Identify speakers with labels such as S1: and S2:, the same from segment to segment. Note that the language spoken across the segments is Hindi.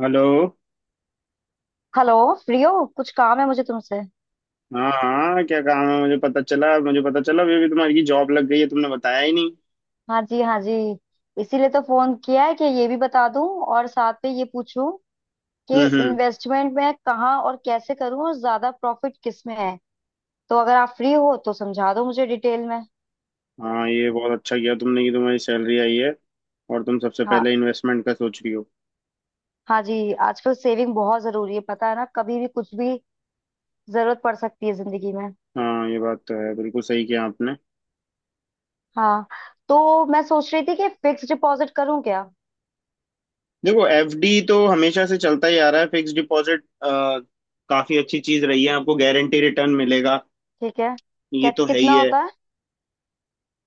S1: हेलो।
S2: हेलो। फ्री हो कुछ काम है मुझे तुमसे।
S1: हाँ हाँ, क्या काम है? मुझे पता चला अभी अभी तुम्हारी की जॉब लग गई है। तुमने बताया ही नहीं।
S2: हाँ जी हाँ जी, इसीलिए तो फोन किया है कि ये भी बता दूं और साथ में ये पूछूं कि
S1: हम्म। हम्म।
S2: इन्वेस्टमेंट मैं कहाँ और कैसे करूं और ज्यादा प्रॉफिट किस में है। तो अगर आप फ्री हो तो समझा दो मुझे डिटेल में।
S1: हाँ, ये बहुत अच्छा किया तुमने कि तुम्हारी सैलरी आई है और तुम सबसे
S2: हाँ।
S1: पहले इन्वेस्टमेंट का सोच रही हो।
S2: हाँ जी, आजकल सेविंग बहुत जरूरी है, पता है ना, कभी भी कुछ भी जरूरत पड़ सकती है जिंदगी में।
S1: हाँ, ये बात तो है। बिल्कुल सही किया आपने।
S2: हाँ। तो मैं सोच रही थी कि फिक्स डिपॉजिट करूं क्या।
S1: देखो, एफडी तो हमेशा से चलता ही आ रहा है। फिक्स्ड डिपॉजिट काफी अच्छी चीज रही है। आपको गारंटी रिटर्न मिलेगा।
S2: ठीक है।
S1: ये
S2: क्या
S1: तो है ही
S2: कितना
S1: है।
S2: होता है।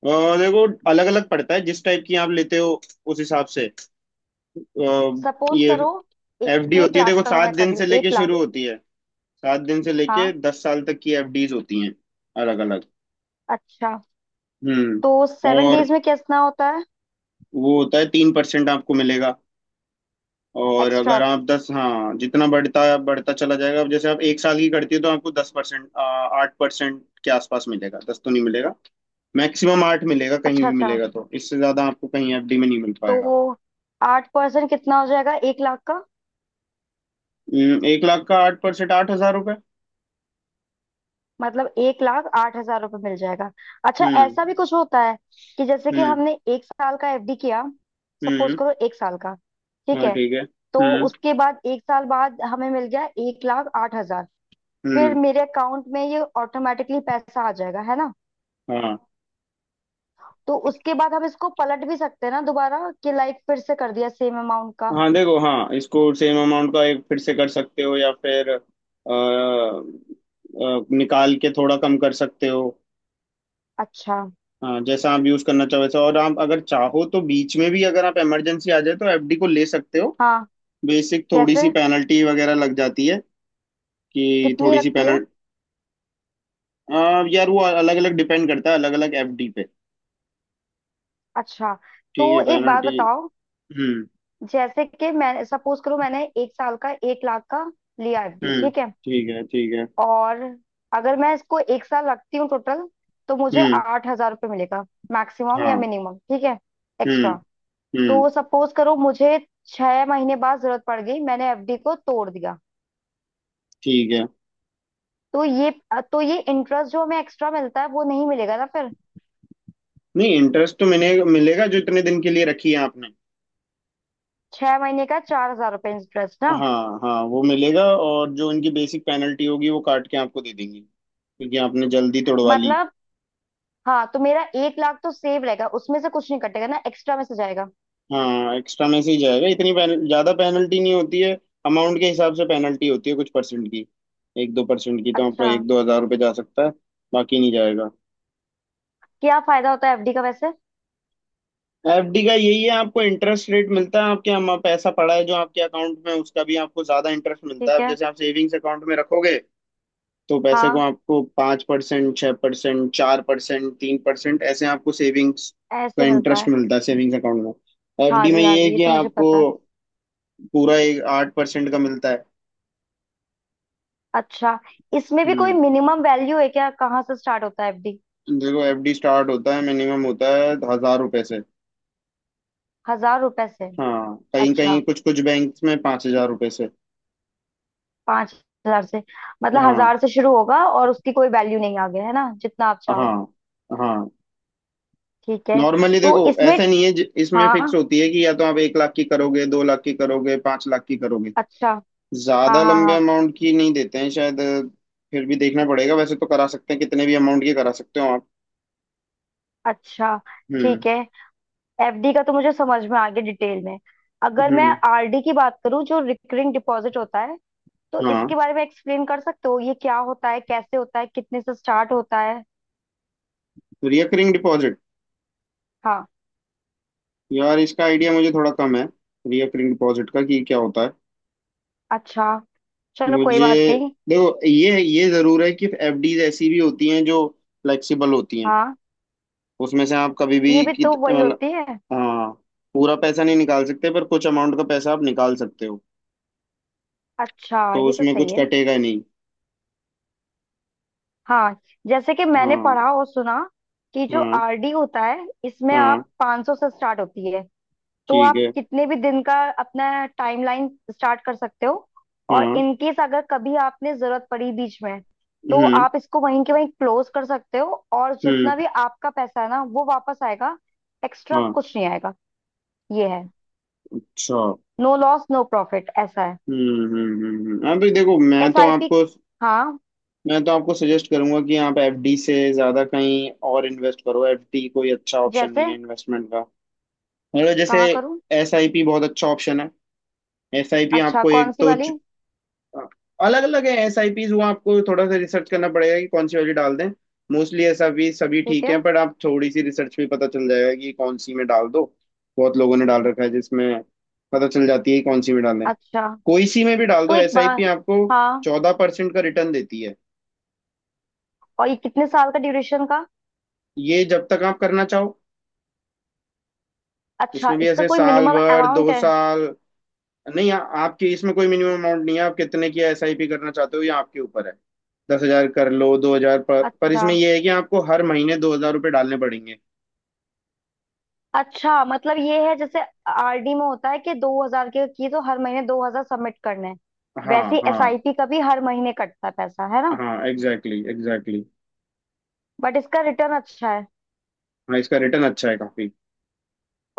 S1: और देखो, अलग अलग पड़ता है, जिस टाइप की आप लेते हो उस हिसाब से। अ,
S2: सपोज
S1: ये
S2: करो ए-
S1: एफडी
S2: एक
S1: होती है।
S2: लाख
S1: देखो,
S2: का
S1: सात
S2: मैं कर
S1: दिन
S2: रही
S1: से
S2: हूँ, एक
S1: लेके
S2: लाख
S1: शुरू होती है। 7 दिन से लेके
S2: हाँ।
S1: 10 साल तक की एफडीज होती हैं, अलग अलग।
S2: अच्छा,
S1: हम्म।
S2: तो सेवन
S1: और
S2: डेज में कितना होता है।
S1: वो होता है 3% आपको मिलेगा। और
S2: एक्स्ट्रा।
S1: अगर आप दस, हाँ, जितना बढ़ता बढ़ता चला जाएगा। अब जैसे आप 1 साल की करती हो तो आपको 10% 8% के आसपास मिलेगा, दस तो नहीं मिलेगा। मैक्सिमम आठ मिलेगा कहीं
S2: अच्छा
S1: भी,
S2: अच्छा।
S1: मिलेगा तो इससे ज्यादा आपको कहीं एफडी में नहीं मिल पाएगा।
S2: तो 8% कितना हो जाएगा 1 लाख का।
S1: 1 लाख का 8%, 8,000 रुपये।
S2: मतलब 1 लाख 8 हजार रुपये मिल जाएगा। अच्छा,
S1: हम्म।
S2: ऐसा भी कुछ होता है कि जैसे कि
S1: हम्म।
S2: हमने 1 साल का एफडी किया। सपोज
S1: हम्म।
S2: करो 1 साल का, ठीक
S1: हाँ,
S2: है।
S1: ठीक है।
S2: तो
S1: हम्म।
S2: उसके बाद 1 साल बाद हमें मिल गया 1 लाख 8 हजार। फिर
S1: हम्म।
S2: मेरे अकाउंट में ये ऑटोमेटिकली पैसा आ जाएगा है ना।
S1: हाँ
S2: तो उसके बाद हम इसको पलट भी सकते हैं ना दोबारा कि लाइक फिर से कर दिया सेम अमाउंट का।
S1: हाँ, देखो, हाँ, इसको सेम अमाउंट का एक फिर से कर सकते हो या फिर निकाल के थोड़ा कम कर सकते हो।
S2: अच्छा।
S1: हाँ, जैसा आप यूज करना चाहो वैसा। और आप अगर चाहो तो बीच में भी, अगर आप इमरजेंसी आ जाए तो एफडी को ले सकते हो।
S2: हाँ।
S1: बेसिक थोड़ी
S2: कैसे।
S1: सी पेनल्टी वगैरह लग जाती है। कि
S2: कितनी
S1: थोड़ी सी
S2: रखती है।
S1: पेनल्टी। यार, वो अलग अलग डिपेंड करता है, अलग अलग एफडी पे।
S2: अच्छा, तो
S1: ठीक है,
S2: एक बात
S1: पेनल्टी।
S2: बताओ।
S1: हम्म।
S2: जैसे कि मैं, सपोज करो, मैंने 1 साल का 1 लाख का लिया एफडी,
S1: हम्म।
S2: ठीक है।
S1: ठीक है, ठीक है।
S2: और अगर मैं इसको 1 साल रखती हूँ टोटल, तो मुझे
S1: हम्म।
S2: 8 हजार रुपये मिलेगा मैक्सिमम या
S1: हाँ।
S2: मिनिमम, ठीक है।
S1: हम्म।
S2: एक्स्ट्रा।
S1: हम्म।
S2: तो सपोज करो मुझे 6 महीने बाद जरूरत पड़ गई, मैंने एफडी को तोड़ दिया।
S1: ठीक है।
S2: तो ये तो ये इंटरेस्ट जो हमें एक्स्ट्रा मिलता है वो नहीं मिलेगा ना फिर।
S1: नहीं, इंटरेस्ट तो मिलेगा, मिलेगा जो इतने दिन के लिए रखी है आपने।
S2: 6 महीने का 4 हजार रुपये इंटरेस्ट ना।
S1: हाँ हाँ, वो मिलेगा। और जो इनकी बेसिक पेनल्टी होगी वो काट के आपको दे देंगी, क्योंकि आपने जल्दी तोड़वा ली।
S2: मतलब हाँ, तो मेरा 1 लाख तो सेव रहेगा, उसमें से कुछ नहीं कटेगा ना, एक्स्ट्रा में से जाएगा।
S1: हाँ, एक्स्ट्रा में से ही जाएगा। इतनी पेनल ज्यादा पेनल्टी नहीं होती है। अमाउंट के हिसाब से पेनल्टी होती है, कुछ परसेंट की। एक दो परसेंट की, तो आपका
S2: अच्छा।
S1: एक दो हजार रुपये जा सकता है। बाकी नहीं जाएगा।
S2: क्या फायदा होता है एफडी का वैसे।
S1: एफडी का यही है, आपको इंटरेस्ट रेट मिलता है। आपके यहाँ पैसा पड़ा है जो आपके अकाउंट में, उसका भी आपको ज्यादा इंटरेस्ट मिलता है।
S2: ठीक
S1: अब
S2: है।
S1: जैसे आप सेविंग्स अकाउंट में रखोगे, तो पैसे को
S2: हाँ
S1: आपको 5%, 6%, 4%, 3%, ऐसे आपको सेविंग्स का
S2: ऐसे मिलता
S1: इंटरेस्ट
S2: है।
S1: मिलता है सेविंग्स अकाउंट में।
S2: हाँ
S1: एफडी में
S2: जी हाँ
S1: ये है
S2: जी, ये
S1: कि
S2: तो मुझे
S1: आपको
S2: पता है।
S1: पूरा एक 8% का मिलता है।
S2: अच्छा, इसमें भी कोई
S1: हम्म।
S2: मिनिमम वैल्यू है क्या, कहाँ से स्टार्ट होता है एफडी।
S1: देखो, एफडी स्टार्ट होता है, मिनिमम होता है हजार रुपए से।
S2: हजार रुपए से।
S1: हाँ, कहीं कहीं
S2: अच्छा,
S1: कुछ कुछ बैंक्स में 5,000 रुपए से।
S2: 5 हजार से, मतलब
S1: हाँ।
S2: हजार से शुरू होगा और उसकी कोई वैल्यू नहीं आगे है ना, जितना आप
S1: हाँ।
S2: चाहो।
S1: हाँ।
S2: ठीक है।
S1: नॉर्मली
S2: तो
S1: देखो,
S2: इसमें
S1: ऐसा नहीं है। ज- इसमें फिक्स
S2: हाँ
S1: होती है कि या तो आप 1 लाख की करोगे, 2 लाख की करोगे, 5 लाख की करोगे।
S2: अच्छा। हाँ
S1: ज्यादा
S2: हाँ
S1: लंबे
S2: हाँ।
S1: अमाउंट की नहीं देते हैं शायद फिर भी देखना पड़ेगा। वैसे तो करा सकते हैं, कितने भी अमाउंट की करा सकते हो आप।
S2: अच्छा
S1: हम्म।
S2: ठीक है, एफडी का तो मुझे समझ में आ गया डिटेल में। अगर मैं
S1: हम्म।
S2: आरडी की बात करूं जो रिकरिंग डिपॉजिट होता है, तो
S1: हाँ।
S2: इसके बारे में एक्सप्लेन कर सकते हो, ये क्या होता है, कैसे होता है, कितने से स्टार्ट होता है।
S1: रिकरिंग डिपॉजिट,
S2: हाँ।
S1: यार इसका आइडिया मुझे थोड़ा कम है। रिकरिंग डिपॉजिट का कि क्या होता है
S2: अच्छा, चलो कोई
S1: मुझे।
S2: बात नहीं।
S1: देखो, ये जरूर है कि एफडीज ऐसी भी होती हैं जो फ्लेक्सिबल होती हैं।
S2: हाँ,
S1: उसमें से आप कभी
S2: ये
S1: भी
S2: भी
S1: कित,
S2: तो वही
S1: मतलब,
S2: होती है।
S1: हाँ, पूरा पैसा नहीं निकाल सकते, पर कुछ अमाउंट का पैसा आप निकाल सकते हो।
S2: अच्छा।
S1: तो
S2: ये तो
S1: उसमें
S2: सही
S1: कुछ
S2: है।
S1: कटेगा नहीं।
S2: हाँ, जैसे कि मैंने
S1: हाँ।
S2: पढ़ा और सुना कि जो
S1: हाँ।
S2: आरडी होता है इसमें
S1: हाँ।
S2: आप 500 से स्टार्ट होती है। तो
S1: ठीक
S2: आप
S1: है।
S2: कितने भी दिन का अपना टाइमलाइन स्टार्ट कर सकते हो। और
S1: हाँ।
S2: इनकेस अगर कभी आपने जरूरत पड़ी बीच में, तो
S1: हम्म।
S2: आप इसको वहीं के वहीं क्लोज कर सकते हो और
S1: हम्म।
S2: जितना भी आपका पैसा है ना वो वापस आएगा। एक्स्ट्रा
S1: हाँ।
S2: कुछ नहीं आएगा। ये है,
S1: अच्छा।
S2: नो लॉस नो प्रॉफिट ऐसा है।
S1: हम्म। हम्म। हम्म। हम्म। हाँ भाई, देखो, मैं तो
S2: एसआईपी।
S1: आपको
S2: हाँ,
S1: मैं तो आपको सजेस्ट करूंगा कि आप एफडी से ज्यादा कहीं और इन्वेस्ट करो। एफडी कोई अच्छा ऑप्शन नहीं
S2: जैसे
S1: है इन्वेस्टमेंट का। मतलब जैसे
S2: कहाँ करूँ।
S1: एसआईपी बहुत अच्छा ऑप्शन है। एसआईपी
S2: अच्छा,
S1: आपको
S2: कौन
S1: एक
S2: सी
S1: तो
S2: वाली।
S1: अलग अलग है, एस आई पीज। वो आपको थोड़ा सा रिसर्च करना पड़ेगा कि कौन सी वाली डाल दें। मोस्टली एस आई पी सभी
S2: ठीक
S1: ठीक
S2: है।
S1: है, पर आप थोड़ी सी रिसर्च में पता चल जाएगा कि कौन सी में डाल दो। बहुत लोगों ने डाल रखा है जिसमें, पता चल जाती है कि कौन सी में डालें।
S2: अच्छा,
S1: कोई सी में भी डाल दो
S2: तो एक
S1: एस आई
S2: बार
S1: पी। आपको
S2: हाँ।
S1: 14% का रिटर्न देती है।
S2: और ये कितने साल का ड्यूरेशन का।
S1: ये जब तक आप करना चाहो।
S2: अच्छा,
S1: इसमें भी
S2: इसका
S1: ऐसे
S2: कोई
S1: साल
S2: मिनिमम
S1: भर,
S2: अमाउंट
S1: दो
S2: है।
S1: साल नहीं आपकी इसमें कोई मिनिमम अमाउंट नहीं है। आप कितने की एसआईपी करना चाहते हो, ये आपके ऊपर है। 10,000 कर लो, 2,000, पर
S2: अच्छा
S1: इसमें ये है कि आपको हर महीने 2,000 रुपये डालने पड़ेंगे।
S2: अच्छा, मतलब ये है जैसे आरडी में होता है कि 2 हजार के किए तो हर महीने 2 हजार सबमिट करने हैं।
S1: हाँ।
S2: वैसे
S1: हाँ।
S2: एसआईपी का भी हर महीने कटता है पैसा है ना।
S1: हाँ, एग्जैक्टली एग्जैक्टली।
S2: बट इसका रिटर्न अच्छा है।
S1: हाँ, इसका रिटर्न अच्छा है काफी।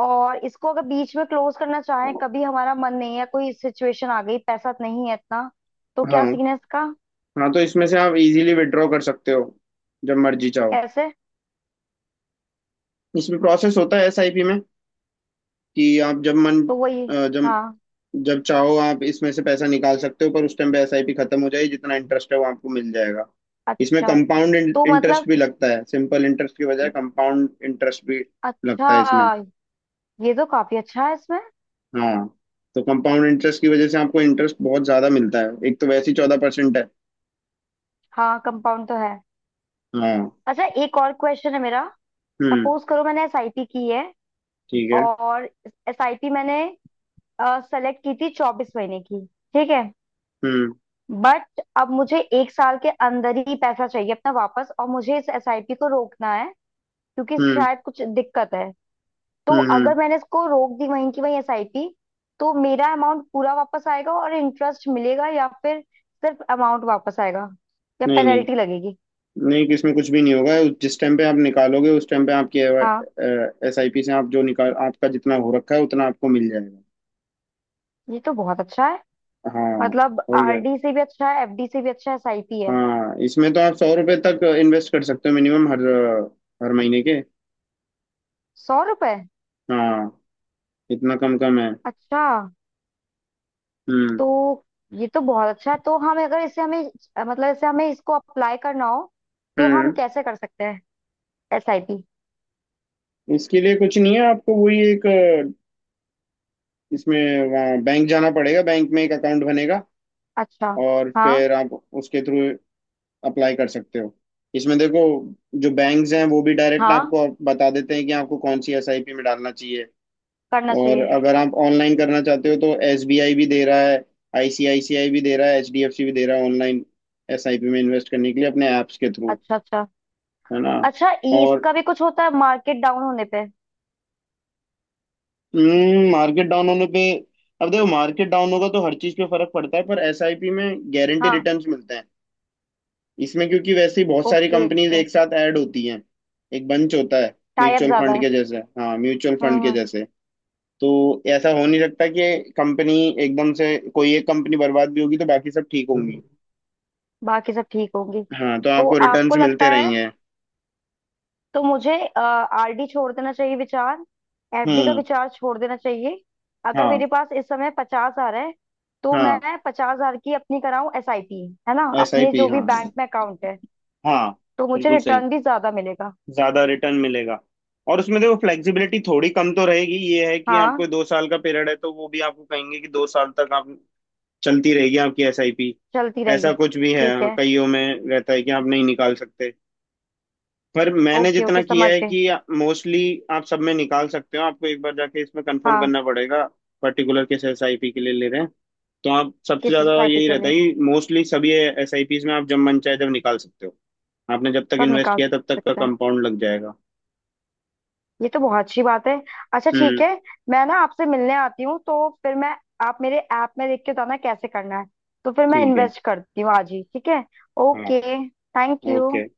S2: और इसको अगर बीच में क्लोज करना चाहें, कभी हमारा मन नहीं है, कोई सिचुएशन आ गई, पैसा नहीं है इतना, तो क्या
S1: हाँ।
S2: सीन है इसका।
S1: हाँ, तो इसमें से आप इजीली विड्रॉ कर सकते हो, जब मर्जी चाहो।
S2: कैसे।
S1: इसमें प्रोसेस होता है एसआईपी में कि आप जब मन
S2: तो वही
S1: जब
S2: हाँ।
S1: जब चाहो आप इसमें से पैसा निकाल सकते हो, पर उस टाइम पे एसआईपी खत्म हो जाएगी, जितना इंटरेस्ट है वो आपको मिल जाएगा। इसमें
S2: अच्छा
S1: कंपाउंड
S2: तो
S1: इंटरेस्ट
S2: मतलब,
S1: भी लगता है, सिंपल इंटरेस्ट की बजाय कंपाउंड इंटरेस्ट भी
S2: अच्छा
S1: लगता है इसमें।
S2: ये तो काफी अच्छा है इसमें।
S1: हाँ, तो कंपाउंड इंटरेस्ट की वजह से आपको इंटरेस्ट बहुत ज्यादा मिलता है, एक तो वैसे ही 14% है।
S2: हाँ, कंपाउंड तो है।
S1: हाँ।
S2: अच्छा, एक और क्वेश्चन है मेरा।
S1: हम्म।
S2: सपोज करो मैंने एसआईपी की है
S1: ठीक है।
S2: और एसआईपी मैंने सेलेक्ट की थी 24 महीने की, ठीक है।
S1: हम्म।
S2: बट अब मुझे 1 साल के अंदर ही पैसा चाहिए अपना वापस और मुझे इस एसआईपी को रोकना है क्योंकि
S1: हम्म।
S2: शायद कुछ दिक्कत है। तो
S1: हम्म। हम्म।
S2: अगर मैंने इसको रोक दी वहीं की वहीं एसआईपी, तो मेरा अमाउंट पूरा वापस आएगा और इंटरेस्ट मिलेगा, या फिर सिर्फ अमाउंट वापस आएगा, या
S1: नहीं नहीं,
S2: पेनल्टी लगेगी।
S1: नहीं इसमें कुछ भी नहीं होगा। जिस टाइम पे आप निकालोगे, उस टाइम पे आपकी
S2: हाँ,
S1: एस आई पी से आप जो निकाल, आपका जितना हो रखा है उतना आपको मिल जाएगा।
S2: ये तो बहुत अच्छा है।
S1: हाँ।
S2: मतलब
S1: और क्या।
S2: आरडी से भी अच्छा है, एफडी से भी अच्छा है, एसआईपी है।
S1: हाँ, इसमें तो आप 100 रुपए तक इन्वेस्ट कर सकते हो मिनिमम, हर हर महीने के।
S2: 100 रुपए।
S1: हाँ। इतना कम कम है।
S2: अच्छा,
S1: हम्म।
S2: तो ये तो बहुत अच्छा है, तो हम अगर इसे हमें, मतलब इसे हमें इसको अप्लाई करना हो, तो हम
S1: हम्म।
S2: कैसे कर सकते हैं एसआईपी।
S1: इसके लिए कुछ नहीं है, आपको वही एक इसमें वहाँ बैंक जाना पड़ेगा, बैंक में एक अकाउंट बनेगा।
S2: अच्छा।
S1: और
S2: हाँ
S1: फिर आप उसके थ्रू अप्लाई कर सकते हो। इसमें देखो, जो बैंक्स हैं वो भी डायरेक्ट
S2: हाँ
S1: आपको बता देते हैं कि आपको कौन सी एसआईपी में डालना चाहिए।
S2: करना
S1: और
S2: चाहिए।
S1: अगर आप ऑनलाइन करना चाहते हो तो एसबीआई भी दे रहा है, आईसीआईसीआई भी दे रहा है, एचडीएफसी भी दे रहा है, ऑनलाइन एसआईपी में इन्वेस्ट करने के लिए अपने ऐप्स के थ्रू,
S2: अच्छा अच्छा।
S1: है ना।
S2: अच्छा, ये
S1: और
S2: इसका भी कुछ होता है मार्केट डाउन होने पे।
S1: मार्केट डाउन होने पे, अब देखो, मार्केट डाउन होगा तो हर चीज पे फर्क पड़ता है, पर एसआईपी में गारंटी
S2: हाँ।
S1: रिटर्न्स मिलते हैं इसमें, क्योंकि वैसे ही बहुत सारी
S2: ओके।
S1: कंपनीज एक साथ ऐड होती हैं, एक बंच होता है,
S2: टाई अप
S1: म्यूचुअल
S2: ज्यादा
S1: फंड
S2: है।
S1: के जैसे, हाँ म्यूचुअल फंड के
S2: हम्म
S1: जैसे। तो ऐसा हो नहीं सकता कि कंपनी एकदम से, कोई एक कंपनी बर्बाद भी होगी तो बाकी सब ठीक
S2: हम्म,
S1: होंगी।
S2: बाकी सब ठीक होंगी।
S1: हाँ, तो
S2: तो
S1: आपको
S2: आपको
S1: रिटर्न्स
S2: लगता
S1: मिलते
S2: है
S1: रहेंगे।
S2: तो मुझे आरडी छोड़ देना चाहिए विचार, एफडी का
S1: हम्म।
S2: विचार छोड़ देना चाहिए। अगर
S1: हाँ।
S2: मेरे पास इस समय 50 हजार है, तो
S1: हाँ,
S2: मैं 50 हजार की अपनी कराऊं एसआईपी है ना,
S1: एस आई
S2: अपने
S1: पी,
S2: जो भी
S1: हाँ।
S2: बैंक में अकाउंट है।
S1: हाँ,
S2: तो मुझे
S1: बिल्कुल सही।
S2: रिटर्न भी ज्यादा मिलेगा।
S1: ज्यादा रिटर्न मिलेगा। और उसमें देखो, फ्लेक्सिबिलिटी थोड़ी कम तो रहेगी। ये है कि
S2: हाँ
S1: आपको 2 साल का पीरियड है तो वो भी आपको कहेंगे कि 2 साल तक आप, चलती रहेगी आपकी एस आई पी।
S2: चलती
S1: ऐसा
S2: रहेगी।
S1: कुछ भी है,
S2: ठीक
S1: हाँ,
S2: है।
S1: कईयों में रहता है कि आप नहीं निकाल सकते। पर मैंने
S2: ओके
S1: जितना
S2: ओके,
S1: किया
S2: समझ
S1: है
S2: गए।
S1: कि, मोस्टली आप सब में निकाल सकते हो। आपको एक बार जाके इसमें कंफर्म
S2: हाँ,
S1: करना पड़ेगा, पर्टिकुलर किस एस आई पी के लिए ले रहे हैं। तो आप सबसे
S2: किस
S1: ज्यादा
S2: एसआईपी
S1: यही
S2: के
S1: रहता
S2: लिए।
S1: है कि मोस्टली सभी एस आई पीज में आप जब मन चाहे जब निकाल सकते हो। आपने जब तक
S2: सब
S1: इन्वेस्ट
S2: निकाल
S1: किया तब तक का
S2: सकते हैं।
S1: कंपाउंड लग जाएगा।
S2: ये तो बहुत अच्छी बात है। अच्छा, ठीक
S1: हम्म।
S2: है। मैं ना आपसे मिलने आती हूँ तो फिर मैं, आप मेरे ऐप में देख के बताना कैसे करना है, तो फिर मैं
S1: ठीक है।
S2: इन्वेस्ट करती हूँ आज ही, ठीक है।
S1: हाँ।
S2: ओके। Thank
S1: okay.
S2: यू।